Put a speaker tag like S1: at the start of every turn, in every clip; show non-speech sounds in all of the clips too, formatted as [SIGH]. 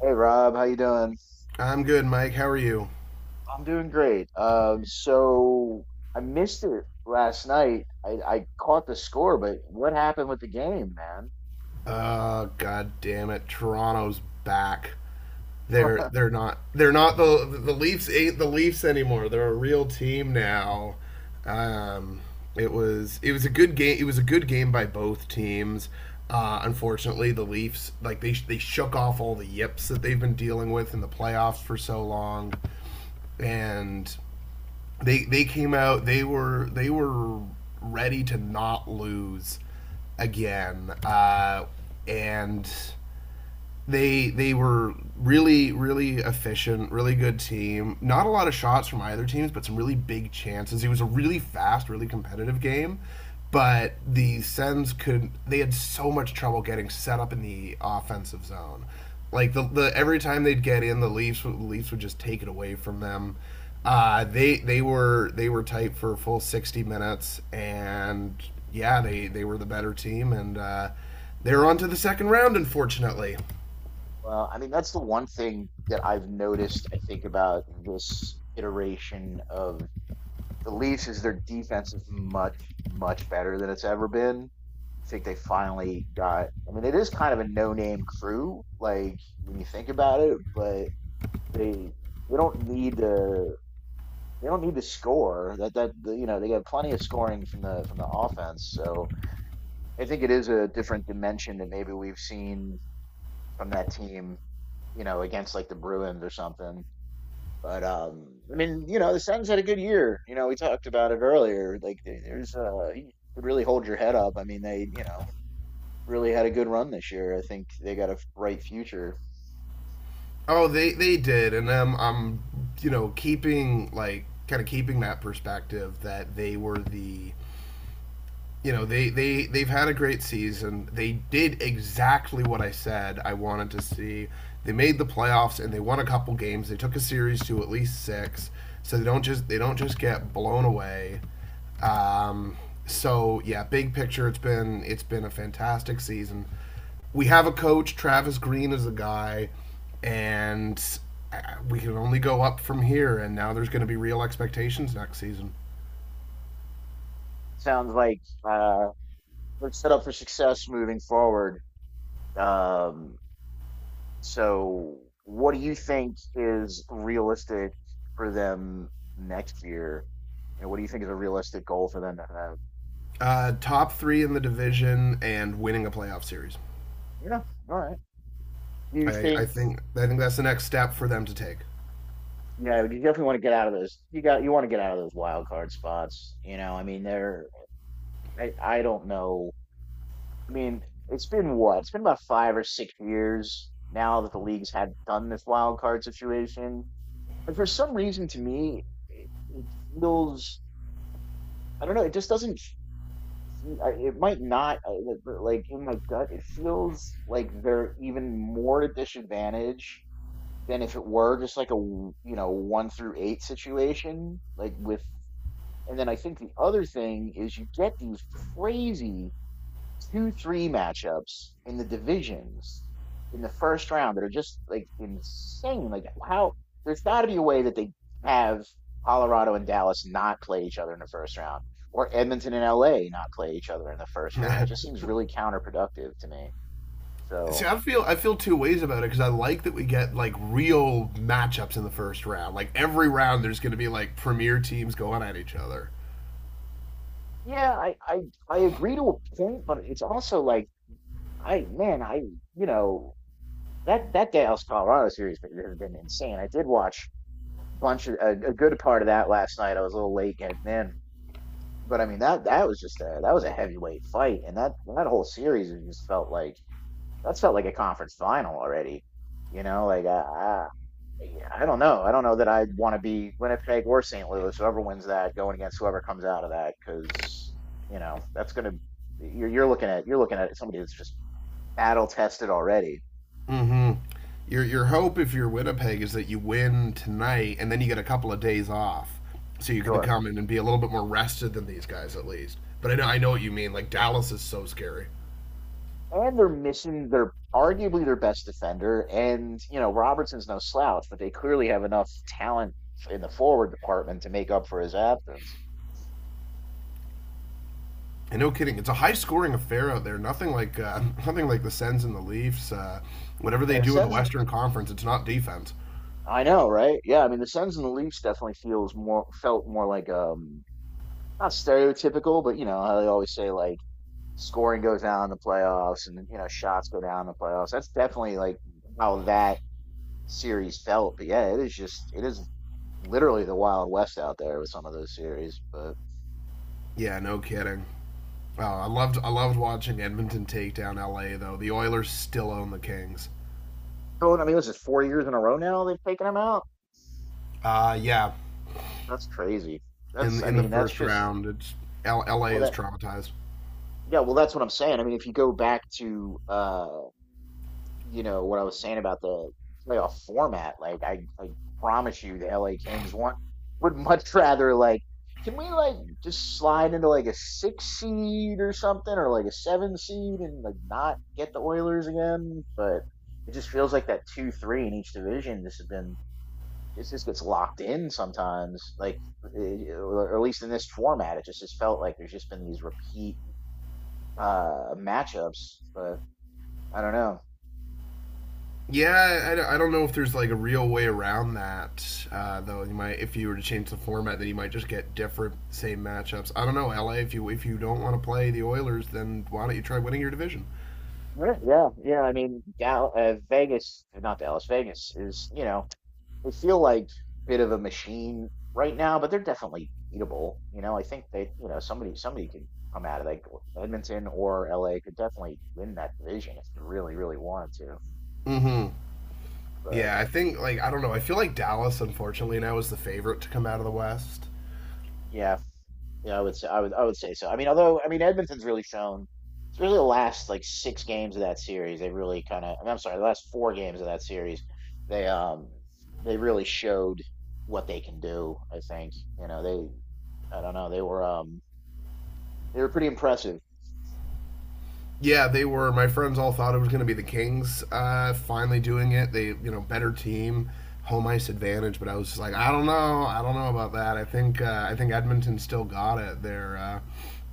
S1: Hey Rob, how you doing?
S2: I'm good, Mike. How are you?
S1: I'm doing great. So I missed it last night. I caught the score, but what happened with the game,
S2: God damn it, Toronto's back.
S1: man?
S2: They're
S1: [LAUGHS]
S2: they're not they're not the the Leafs ain't the Leafs anymore. They're a real team now. Um, it was a good game. It was a good game by both teams. Unfortunately, the Leafs like they shook off all the yips that they've been dealing with in the playoffs for so long, and they came out, they were ready to not lose again and they were really efficient, really good team. Not a lot of shots from either teams, but some really big chances. It was a really fast, really competitive game, but the Sens could, they had so much trouble getting set up in the offensive zone. Like the every time they'd get in, the Leafs would just take it away from them. They were tight for a full 60 minutes, and yeah, they were the better team, and they were on to the second round, unfortunately.
S1: Well, I mean, that's the one thing that I've noticed, I think, about this iteration of the Leafs is their defense is much, much better than it's ever been. I think they finally got, I mean, it is kind of a no-name crew, like when you think about it, but they they don't need to they don't need to score. That you know they got plenty of scoring from the offense. So I think it is a different dimension that maybe we've seen from that team. You know, against like the Bruins or something. But I mean, you know, the Sens had a good year. You know, we talked about it earlier. Like, there's you could really hold your head up. I mean, they you know really had a good run this year. I think they got a bright future.
S2: Oh, they did, and I'm, you know, keeping like kind of keeping that perspective that they were the, you know, they've had a great season. They did exactly what I said I wanted to see. They made the playoffs and they won a couple games. They took a series to at least six, so they don't just get blown away. Um, so yeah, big picture, it's been a fantastic season. We have a coach, Travis Green is a guy, and uh, we can only go up from here. And now there's going to be real expectations next season.
S1: Sounds like uh, they're set up for success moving forward. Um, So what do you think is realistic for them next year? You know, what do you think is a realistic goal for them to have?
S2: Top three in the division and winning a playoff series.
S1: Yeah, all right. Do you
S2: I, I
S1: think,
S2: think I think that's the next step for them to take.
S1: you know, you definitely want to get out of those. You got, you want to get out of those wild card spots. You know, I mean, they're, I don't know. I mean, it's been what? It's been about 5 or 6 years now that the leagues had done this wild card situation. But for some reason, to me, it, it feels, I don't know, it just doesn't see, I, it might not. I, but, like in my gut, it feels like they're even more at disadvantage than if it were just like a you know one through eight situation. Like with, and then I think the other thing is you get these crazy two three matchups in the divisions in the first round that are just like insane. Like how there's got to be a way that they have Colorado and Dallas not play each other in the first round, or Edmonton and LA not play each other in the first round. It just
S2: [LAUGHS]
S1: seems really counterproductive to me.
S2: See,
S1: So
S2: I feel I feel two ways about it because I like that we get like real matchups in the first round. Like every round, there's going to be like premier teams going at each other.
S1: yeah, I agree to a point, but it's also like I you know that Dallas Colorado series has been insane. I did watch bunch of a good part of that last night. I was a little late getting in, but I mean that was just a that was a heavyweight fight, and that whole series was just felt like that felt like a conference final already. You know, like I don't know that I'd want to be Winnipeg or St. Louis, whoever wins that, going against whoever comes out of that, because you know that's gonna you're looking at you're looking at somebody that's just battle tested already.
S2: Hmm. Your hope if you're Winnipeg is that you win tonight and then you get a couple of days off, so you can
S1: Sure.
S2: come in and be a little bit more rested than these guys at least. But I know what you mean. Like Dallas is so scary.
S1: And they're missing their arguably their best defender. And you know Robertson's no slouch, but they clearly have enough talent in the forward department to make up for his absence.
S2: And no kidding, it's a high scoring affair out there. Nothing like [LAUGHS] nothing like the Sens and the Leafs. Whatever they
S1: Yeah, the
S2: do in the
S1: Sens,
S2: Western Conference, it's not defense.
S1: I know, right? Yeah, I mean the Sens and the Leafs definitely feels more felt more like not stereotypical, but you know how they always say like scoring goes down in the playoffs and you know shots go down in the playoffs. That's definitely like how that series felt. But yeah, it is just it is literally the Wild West out there with some of those series, but.
S2: Yeah, no kidding. Oh, I loved watching Edmonton take down LA though. The Oilers still own the Kings.
S1: Going. I mean, this is 4 years in a row now they've taken him out.
S2: Yeah,
S1: That's crazy. That's, I
S2: in the
S1: mean, that's
S2: first
S1: just,
S2: round, it's LA
S1: well,
S2: is
S1: that,
S2: traumatized.
S1: yeah, well, that's what I'm saying. I mean, if you go back to, you know, what I was saying about the playoff format, like, I promise you the LA Kings want, would [LAUGHS] much rather, like, can we, like, just slide into, like, a six seed or something or, like, a seven seed and, like, not get the Oilers again? But, it just feels like that two three in each division. This has been it just gets locked in sometimes. Like, eh, or at least in this format, it just felt like there's just been these repeat matchups. But I don't know.
S2: Yeah, I don't know if there's like a real way around that though. You might, if you were to change the format, then you might just get different same matchups. I don't know, LA. If you don't want to play the Oilers, then why don't you try winning your division?
S1: Right, yeah, yeah. I mean, Dal Vegas, not Dallas, Vegas is, you know, they feel like a bit of a machine right now, but they're definitely beatable. You know, I think they, you know, somebody can come out of like Edmonton or LA could definitely win that division if they really, really wanted to.
S2: Mm-hmm.
S1: But
S2: Yeah, I think like I don't know. I feel like Dallas, unfortunately, now is the favorite to come out of the West.
S1: yeah, yeah, I would say I would say so. I mean, although I mean Edmonton's really shown, it's really the last like six games of that series. They really kind of, I mean, I'm sorry, the last four games of that series, they um they really showed what they can do. I think you know they I don't know they were pretty impressive.
S2: Yeah, they were. My friends all thought it was going to be the Kings finally doing it. They, you know, better team, home ice advantage. But I was just like, I don't know about that. I think Edmonton still got it. They're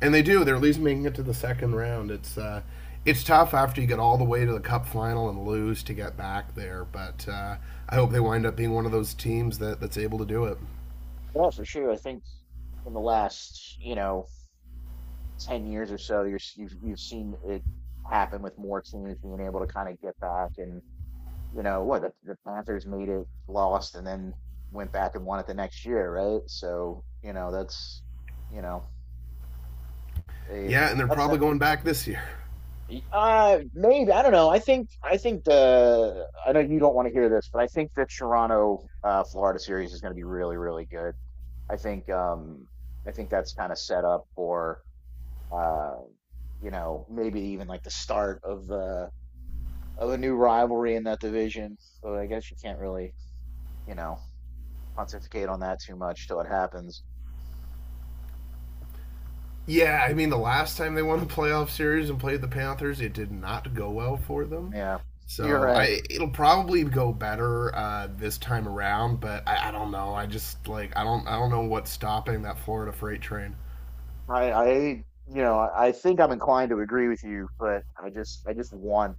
S2: and they do. They're at least making it to the second round. It's tough after you get all the way to the Cup final and lose to get back there. But I hope they wind up being one of those teams that, that's able to do it.
S1: Yeah, for sure. I think in the last you know 10 years or so, you've seen it happen with more teams being able to kind of get back and you know what the Panthers made it, lost, and then went back and won it the next year, right? So you know that's you know eh,
S2: Yeah, and they're
S1: that's
S2: probably
S1: that.
S2: going back this year.
S1: Maybe I don't know. I think the I know you don't want to hear this, but I think the Toronto Florida series is going to be really really good. I think um I think that's kind of set up for uh you know maybe even like the start of the of a new rivalry in that division. So I guess you can't really you know pontificate on that too much till it happens.
S2: Yeah, I mean, the last time they won a playoff series and played the Panthers, it did not go well for them.
S1: Yeah, you're
S2: So
S1: right.
S2: I, it'll probably go better this time around, but I don't know. I just like I don't know what's stopping that Florida freight train.
S1: You know, I think I'm inclined to agree with you, I just want,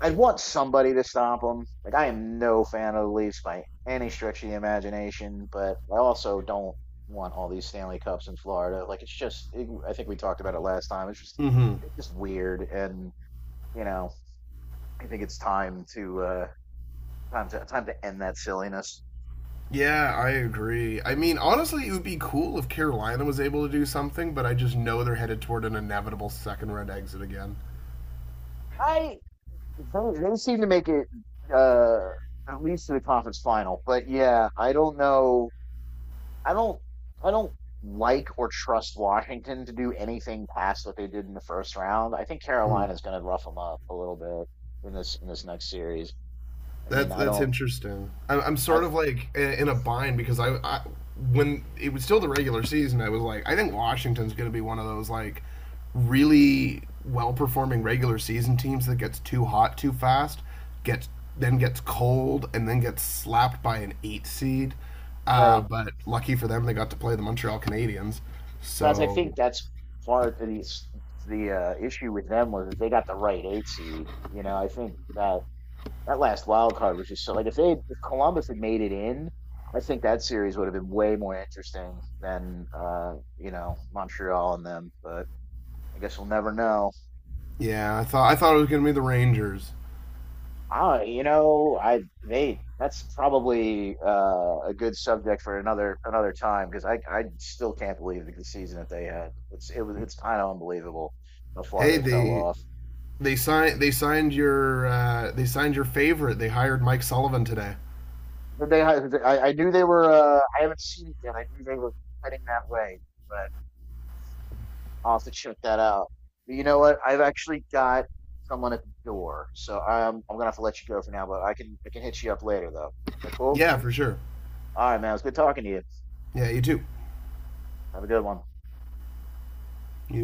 S1: I want somebody to stop them. Like I am no fan of the Leafs by any stretch of the imagination, but I also don't want all these Stanley Cups in Florida. Like it's just, it, I think we talked about it last time.
S2: Mm-hmm.
S1: It's just weird, and you know, I think it's time to, time to, time to end that silliness.
S2: Yeah, I agree. I mean, honestly, it would be cool if Carolina was able to do something, but I just know they're headed toward an inevitable second round exit again.
S1: I they seem to make it uh, at least to the conference final. But yeah, I don't know. I don't. I don't like or trust Washington to do anything past what they did in the first round. I think
S2: Hmm.
S1: Carolina's going to rough them up a little bit in this next series. I mean,
S2: That's
S1: I
S2: that's
S1: don't.
S2: interesting. I'm
S1: I
S2: sort of like in a bind because I when it was still the regular season, I was like, I think Washington's going to be one of those like really well performing regular season teams that gets too hot too fast, gets then gets cold, and then gets slapped by an eight seed.
S1: right.
S2: But lucky for them, they got to play the Montreal Canadiens.
S1: But I think
S2: So
S1: that's part of the issue with them was they got the right eight seed. You know, I think that that last wild card was just so like if they if Columbus had made it in, I think that series would have been way more interesting than you know, Montreal and them, but I guess we'll never know.
S2: yeah, I thought it was going to be the Rangers.
S1: Ah, you know, I they that's probably a good subject for another another time because I still can't believe the season that they had. It's it was it's kind of unbelievable how far
S2: Hey,
S1: they fell
S2: they
S1: off.
S2: They signed your favorite. They hired Mike Sullivan today.
S1: But they I knew they were I haven't seen it yet. I knew they were heading that way, but I'll have to check that out. But you know what? I've actually got someone at the door, so I'm gonna have to let you go for now. But I can hit you up later though. Is that cool?
S2: Yeah, for sure.
S1: All right, man. It was good talking to you.
S2: Yeah, you too.
S1: Have a good one.
S2: You